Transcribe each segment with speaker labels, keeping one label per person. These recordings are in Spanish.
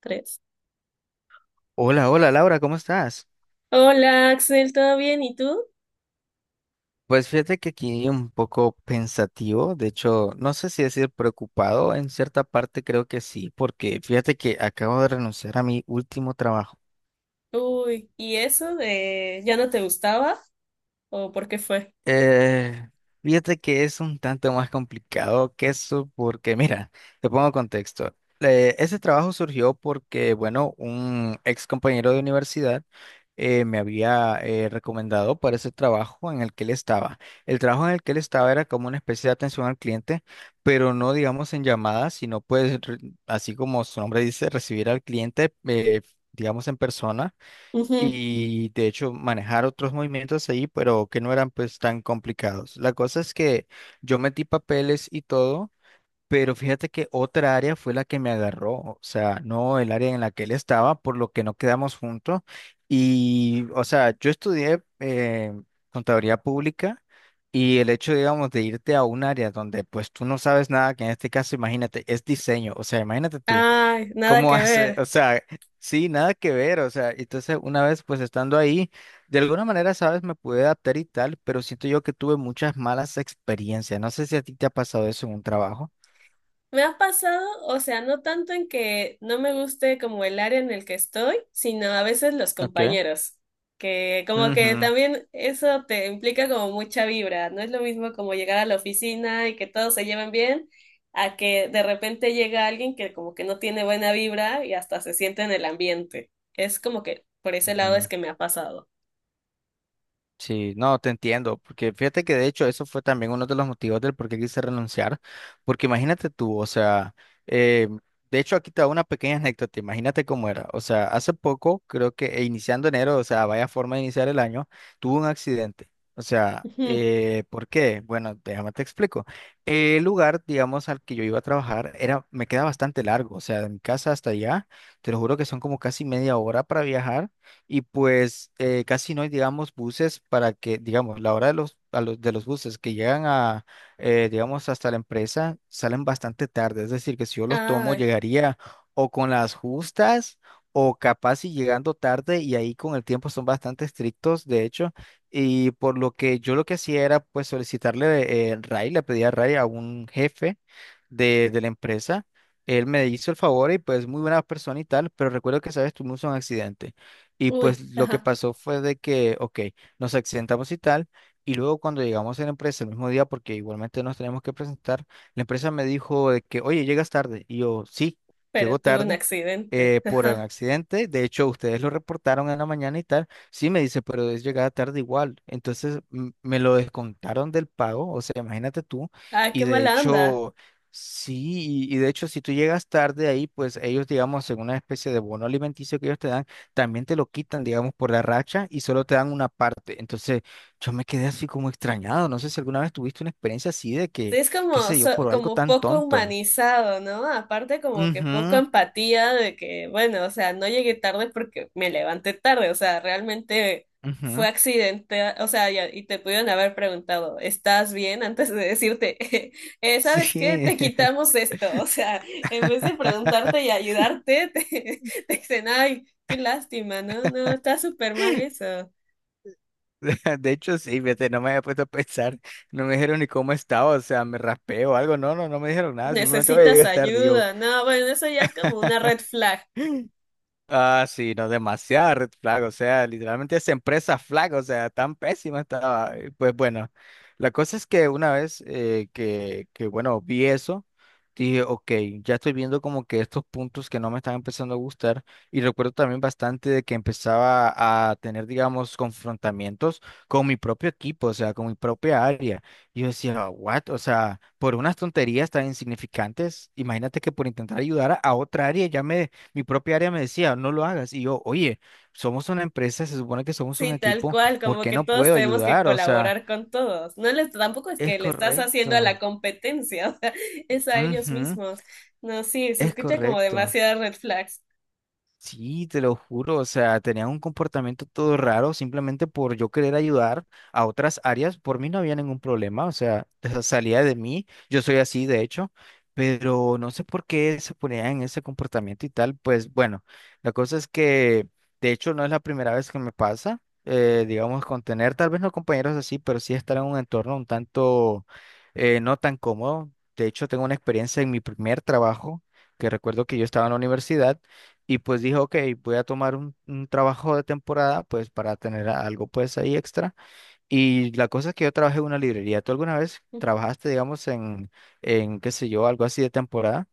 Speaker 1: Tres.
Speaker 2: Hola, hola Laura, ¿cómo estás?
Speaker 1: Hola, Axel, ¿todo bien? ¿Y tú?
Speaker 2: Pues fíjate que aquí un poco pensativo, de hecho, no sé si decir preocupado, en cierta parte creo que sí, porque fíjate que acabo de renunciar a mi último trabajo.
Speaker 1: Uy, ¿y eso de ya no te gustaba? ¿O por qué fue?
Speaker 2: Eh, Fíjate que es un tanto más complicado que eso porque, mira, te pongo contexto. Ese trabajo surgió porque, bueno, un ex compañero de universidad me había recomendado para ese trabajo en el que él estaba. El trabajo en el que él estaba era como una especie de atención al cliente, pero no, digamos, en llamadas, sino pues, así como su nombre dice, recibir al cliente, digamos, en persona
Speaker 1: Ujú.
Speaker 2: y de hecho manejar otros movimientos ahí, pero que no eran pues tan complicados. La cosa es que yo metí papeles y todo, pero fíjate que otra área fue la que me agarró, o sea, no el área en la que él estaba, por lo que no quedamos juntos. Y, o sea, yo estudié contaduría pública. Y el hecho, digamos, de irte a un área donde pues tú no sabes nada, que en este caso, imagínate, es diseño, o sea, imagínate tú,
Speaker 1: Ay, nada
Speaker 2: ¿cómo
Speaker 1: que
Speaker 2: hace?
Speaker 1: ver.
Speaker 2: O sea, sí, nada que ver. O sea, entonces una vez pues estando ahí, de alguna manera, sabes, me pude adaptar y tal, pero siento yo que tuve muchas malas experiencias. No sé si a ti te ha pasado eso en un trabajo.
Speaker 1: Me ha pasado, o sea, no tanto en que no me guste como el área en el que estoy, sino a veces los
Speaker 2: Okay.
Speaker 1: compañeros, que como que
Speaker 2: Ujú,
Speaker 1: también eso te implica como mucha vibra, no es lo mismo como llegar a la oficina y que todos se lleven bien, a que de repente llega alguien que como que no tiene buena vibra y hasta se siente en el ambiente. Es como que por ese lado es
Speaker 2: ujú.
Speaker 1: que me ha pasado.
Speaker 2: Sí, no, te entiendo, porque fíjate que de hecho eso fue también uno de los motivos del por qué quise renunciar, porque imagínate tú, o sea, eh, de hecho aquí te hago una pequeña anécdota, imagínate cómo era, o sea, hace poco, creo que iniciando enero, o sea, vaya forma de iniciar el año, tuve un accidente, o sea,
Speaker 1: Ujú.
Speaker 2: ¿por qué? Bueno, déjame te explico. El lugar, digamos, al que yo iba a trabajar era, me queda bastante largo, o sea, de mi casa hasta allá, te lo juro que son como casi media hora para viajar y pues casi no hay, digamos, buses para que, digamos, la hora de los buses que llegan a, digamos, hasta la empresa salen bastante tarde. Es decir, que si yo los tomo,
Speaker 1: Ay,
Speaker 2: llegaría o con las justas o capaz y llegando tarde y ahí con el tiempo son bastante estrictos, de hecho. Y por lo que yo lo que hacía era pues solicitarle RAI, le pedía RAI a I a un jefe de la empresa. Él me hizo el favor y pues muy buena persona y tal, pero recuerdo que, sabes, tuvimos un accidente. Y pues
Speaker 1: uy,
Speaker 2: lo que
Speaker 1: ajá,
Speaker 2: pasó fue de que, ok, nos accidentamos y tal, y luego cuando llegamos a la empresa el mismo día, porque igualmente nos tenemos que presentar, la empresa me dijo de que, oye, llegas tarde. Y yo, sí,
Speaker 1: pero
Speaker 2: llegó
Speaker 1: tuve un
Speaker 2: tarde
Speaker 1: accidente.
Speaker 2: por un
Speaker 1: Ajá.
Speaker 2: accidente. De hecho, ustedes lo reportaron en la mañana y tal. Sí, me dice, pero es llegada tarde igual. Entonces me lo descontaron del pago, o sea, imagínate tú.
Speaker 1: Ay,
Speaker 2: Y
Speaker 1: qué
Speaker 2: de
Speaker 1: mala onda.
Speaker 2: hecho... Sí, y de hecho, si tú llegas tarde ahí, pues ellos, digamos, en una especie de bono alimenticio que ellos te dan, también te lo quitan, digamos, por la racha y solo te dan una parte. Entonces, yo me quedé así como extrañado. No sé si alguna vez tuviste una experiencia así de
Speaker 1: Sí,
Speaker 2: que,
Speaker 1: es
Speaker 2: qué
Speaker 1: como,
Speaker 2: sé yo, por algo
Speaker 1: como
Speaker 2: tan
Speaker 1: poco
Speaker 2: tonto.
Speaker 1: humanizado, ¿no? Aparte como que poco
Speaker 2: Ujú,
Speaker 1: empatía de que, bueno, o sea, no llegué tarde porque me levanté tarde, o sea, realmente fue
Speaker 2: ujú.
Speaker 1: accidente, o sea, y te pudieron haber preguntado, ¿estás bien? Antes de decirte, ¿sabes qué?
Speaker 2: Sí,
Speaker 1: Te quitamos esto, o sea, en vez de preguntarte y ayudarte, te dicen, ay, qué lástima, ¿no? No, está súper mal eso.
Speaker 2: de hecho sí, fíjate, no me había puesto a pensar, no me dijeron ni cómo estaba, o sea, me raspé o algo, no, no, no me dijeron nada, simplemente voy a
Speaker 1: Necesitas
Speaker 2: llegar tarde y yo.
Speaker 1: ayuda, no, bueno, eso ya es como una red flag.
Speaker 2: Ah, sí, no, demasiada red flag, o sea, literalmente esa empresa flag, o sea, tan pésima estaba. Y pues bueno, la cosa es que una vez bueno, vi eso, dije, ok, ya estoy viendo como que estos puntos que no me están empezando a gustar. Y recuerdo también bastante de que empezaba a tener, digamos, confrontamientos con mi propio equipo, o sea, con mi propia área. Y yo decía, what? O sea, por unas tonterías tan insignificantes, imagínate que por intentar ayudar a otra área ya me mi propia área me decía, no lo hagas. Y yo, oye, somos una empresa, se supone que somos un
Speaker 1: Sí, tal
Speaker 2: equipo,
Speaker 1: cual,
Speaker 2: ¿por
Speaker 1: como
Speaker 2: qué
Speaker 1: que
Speaker 2: no
Speaker 1: todos
Speaker 2: puedo
Speaker 1: tenemos que
Speaker 2: ayudar? O sea,
Speaker 1: colaborar con todos. No les, tampoco es
Speaker 2: es
Speaker 1: que le estás haciendo a
Speaker 2: correcto.
Speaker 1: la competencia, o sea, es a ellos
Speaker 2: Ujú,
Speaker 1: mismos. No, sí, se
Speaker 2: es
Speaker 1: escucha como
Speaker 2: correcto.
Speaker 1: demasiadas red flags.
Speaker 2: Sí, te lo juro, o sea, tenían un comportamiento todo raro simplemente por yo querer ayudar a otras áreas, por mí no había ningún problema, o sea, esa salía de mí, yo soy así de hecho, pero no sé por qué se ponían en ese comportamiento y tal, pues bueno, la cosa es que de hecho no es la primera vez que me pasa, digamos, con tener tal vez no compañeros así, pero sí estar en un entorno un tanto no tan cómodo, de hecho tengo una experiencia en mi primer trabajo, que recuerdo que yo estaba en la universidad, y pues dije, ok, voy a tomar un trabajo de temporada, pues para tener algo pues ahí extra. Y la cosa es que yo trabajé en una librería. ¿Tú alguna vez trabajaste, digamos, en qué sé yo, algo así de temporada?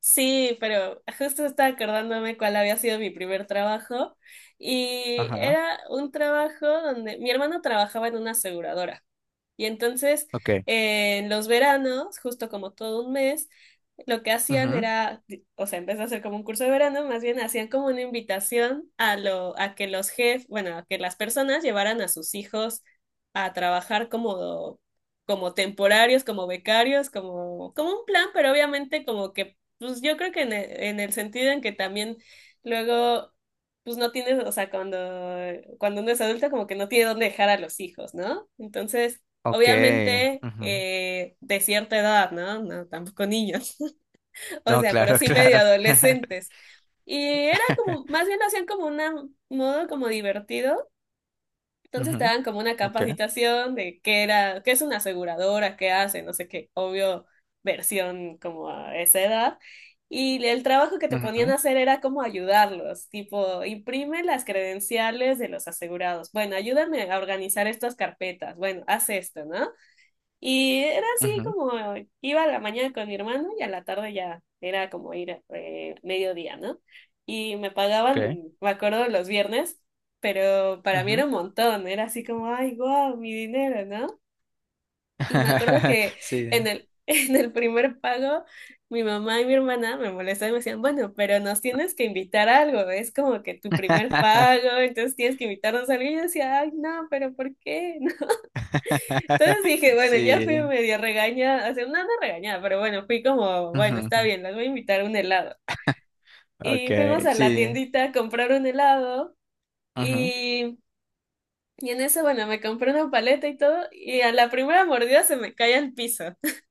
Speaker 1: Sí, pero justo estaba acordándome cuál había sido mi primer trabajo y
Speaker 2: Ajá,
Speaker 1: era un trabajo donde mi hermano trabajaba en una aseguradora. Y entonces,
Speaker 2: ok.
Speaker 1: en los veranos, justo como todo un mes, lo que hacían
Speaker 2: Ujú,
Speaker 1: era, o sea, en vez de hacer como un curso de verano, más bien hacían como una invitación a que los jefes, bueno, a que las personas llevaran a sus hijos a trabajar como, como temporarios, como becarios, como, como un plan, pero obviamente como que, pues yo creo que en el sentido en que también luego, pues no tienes, o sea, cuando, cuando uno es adulto como que no tiene dónde dejar a los hijos, ¿no? Entonces,
Speaker 2: ok,
Speaker 1: obviamente
Speaker 2: ujú.
Speaker 1: de cierta edad, ¿no? No, tampoco niños, o
Speaker 2: No,
Speaker 1: sea, pero
Speaker 2: claro,
Speaker 1: sí medio
Speaker 2: claro.
Speaker 1: adolescentes. Y era como, más bien lo hacían como un modo como divertido. Entonces te
Speaker 2: Ujú,
Speaker 1: daban como una
Speaker 2: ok,
Speaker 1: capacitación de qué era, qué es una aseguradora, qué hace, no sé qué, obvio, versión como a esa edad. Y el trabajo que te ponían a
Speaker 2: ujú,
Speaker 1: hacer era como ayudarlos, tipo, imprime las credenciales de los asegurados. Bueno, ayúdame a organizar estas carpetas. Bueno, haz esto, ¿no? Y era así
Speaker 2: ujú,
Speaker 1: como iba a la mañana con mi hermano y a la tarde ya era como ir mediodía, ¿no? Y me
Speaker 2: ok,
Speaker 1: pagaban, me acuerdo, los viernes, pero para mí
Speaker 2: ujú.
Speaker 1: era un montón, era así como, ay, guau, mi dinero, ¿no? Y me acuerdo que en
Speaker 2: Sí.
Speaker 1: el, en el primer pago mi mamá y mi hermana me molestaban y me decían, bueno, pero nos tienes que invitar a algo, es como que tu primer pago, entonces tienes que invitarnos a algo. Y yo decía, ay, no, pero ¿por qué? Entonces dije, bueno, ya fui
Speaker 2: Sí.
Speaker 1: medio regañada, o sea, no, no regañada, pero bueno, fui como, bueno, está
Speaker 2: Ujú,
Speaker 1: bien, las voy a invitar a un helado.
Speaker 2: ok,
Speaker 1: Y fuimos a la
Speaker 2: sí.
Speaker 1: tiendita a comprar un helado
Speaker 2: Ujú.
Speaker 1: y, y en eso, bueno, me compré una paleta y todo y a la primera mordida se me cae al piso.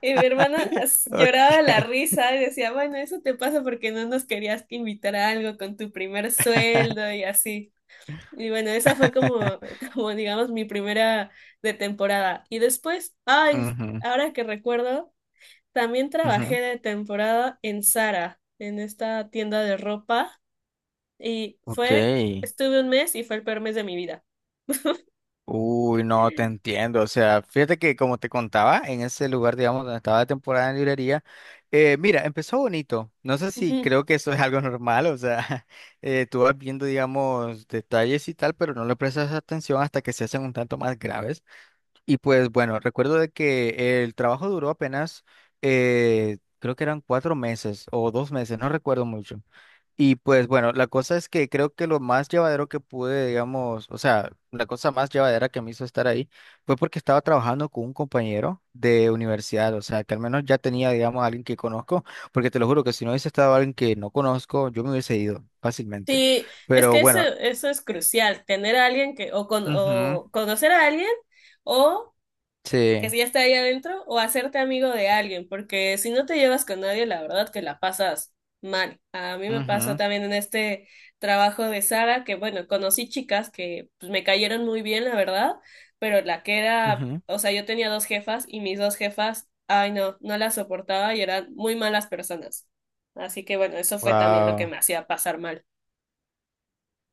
Speaker 1: Y mi hermana lloraba de
Speaker 2: Ok.
Speaker 1: la risa y decía, bueno, eso te pasa porque no nos querías invitar a algo con tu primer sueldo y así. Y bueno, esa fue como, como digamos, mi primera de temporada. Y después, ay,
Speaker 2: Ujú,
Speaker 1: ahora que recuerdo, también
Speaker 2: ujú.
Speaker 1: trabajé de temporada en Zara, en esta tienda de ropa. Y
Speaker 2: Ok.
Speaker 1: fue, estuve un mes y fue el peor mes de mi vida.
Speaker 2: Uy, no, te entiendo. O sea, fíjate que como te contaba, en ese lugar, digamos, donde estaba de temporada en librería, mira, empezó bonito. No sé si
Speaker 1: Ujú.
Speaker 2: creo que eso es algo normal, o sea, tú vas viendo, digamos, detalles y tal, pero no le prestas atención hasta que se hacen un tanto más graves. Y pues bueno, recuerdo de que el trabajo duró apenas, creo que eran cuatro meses o dos meses, no recuerdo mucho. Y pues bueno, la cosa es que creo que lo más llevadero que pude, digamos, o sea, la cosa más llevadera que me hizo estar ahí fue porque estaba trabajando con un compañero de universidad, o sea, que al menos ya tenía, digamos, a alguien que conozco, porque te lo juro que si no hubiese estado alguien que no conozco, yo me hubiese ido fácilmente.
Speaker 1: Sí, es
Speaker 2: Pero
Speaker 1: que eso,
Speaker 2: bueno,
Speaker 1: eso es crucial, tener a alguien que, o, con,
Speaker 2: ujú,
Speaker 1: o conocer a alguien, o que
Speaker 2: sí,
Speaker 1: si ya está ahí adentro o hacerte amigo de alguien, porque si no te llevas con nadie, la verdad que la pasas mal. A mí me pasó
Speaker 2: ujú,
Speaker 1: también en este trabajo de Sara, que bueno, conocí chicas que pues, me cayeron muy bien, la verdad, pero la que era,
Speaker 2: ujú,
Speaker 1: o sea, yo tenía 2 jefas y mis 2 jefas, ay no, no las soportaba y eran muy malas personas. Así que bueno, eso fue también lo que
Speaker 2: wow.
Speaker 1: me hacía pasar mal.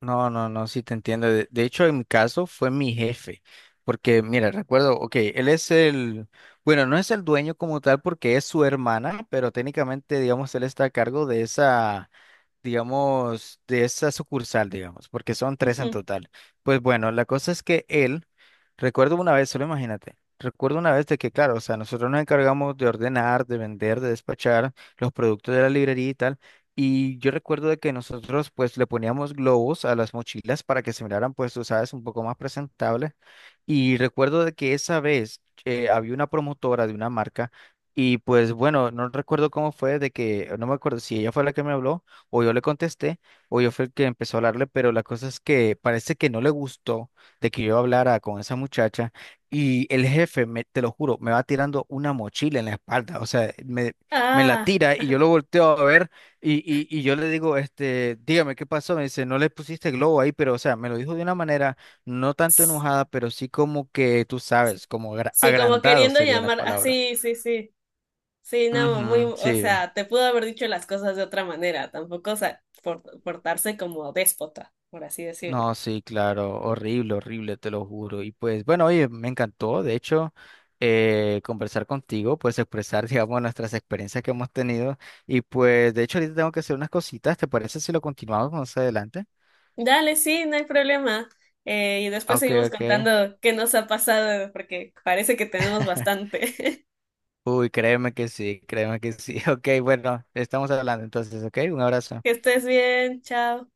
Speaker 2: No, no, no, sí te entiendo. De hecho, en mi caso fue mi jefe, porque mira, recuerdo, ok, él es el, bueno, no es el dueño como tal porque es su hermana, pero técnicamente, digamos, él está a cargo de esa digamos, de esa sucursal, digamos, porque son tres en
Speaker 1: Ujú.
Speaker 2: total. Pues bueno, la cosa es que él, recuerdo una vez, solo imagínate, recuerdo una vez de que, claro, o sea, nosotros nos encargamos de ordenar, de vender, de despachar los productos de la librería y tal. Y yo recuerdo de que nosotros pues le poníamos globos a las mochilas para que se miraran pues, tú sabes, un poco más presentables. Y recuerdo de que esa vez había una promotora de una marca y pues bueno, no recuerdo cómo fue de que, no me acuerdo si ella fue la que me habló o yo le contesté, o yo fui el que empezó a hablarle, pero la cosa es que parece que no le gustó de que yo hablara con esa muchacha y el jefe, me, te lo juro, me va tirando una mochila en la espalda, o sea, me la
Speaker 1: Ah,
Speaker 2: tira y yo lo volteo a ver y yo le digo, este, dígame qué pasó, me dice, no le pusiste globo ahí, pero o sea, me lo dijo de una manera no tanto enojada, pero sí como que tú sabes, como
Speaker 1: sí, como
Speaker 2: agrandado
Speaker 1: queriendo
Speaker 2: sería la
Speaker 1: llamar,
Speaker 2: palabra.
Speaker 1: así, sí, sí. Sí. Sí, no, muy,
Speaker 2: Ujú,
Speaker 1: o
Speaker 2: sí.
Speaker 1: sea, te pudo haber dicho las cosas de otra manera, tampoco, o sea, portarse como déspota, por así decirlo.
Speaker 2: No, sí, claro, horrible, horrible, te lo juro. Y pues, bueno, oye, me encantó, de hecho, conversar contigo, pues expresar, digamos, nuestras experiencias que hemos tenido. Y pues, de hecho, ahorita tengo que hacer unas cositas, ¿te parece si lo continuamos más adelante?
Speaker 1: Dale, sí, no hay problema. Y después
Speaker 2: Ok,
Speaker 1: seguimos
Speaker 2: ok.
Speaker 1: contando qué nos ha pasado, porque parece que tenemos bastante.
Speaker 2: Uy, créeme que sí, créeme que sí. Ok, bueno, estamos hablando entonces, ok, un abrazo.
Speaker 1: Que estés bien, chao.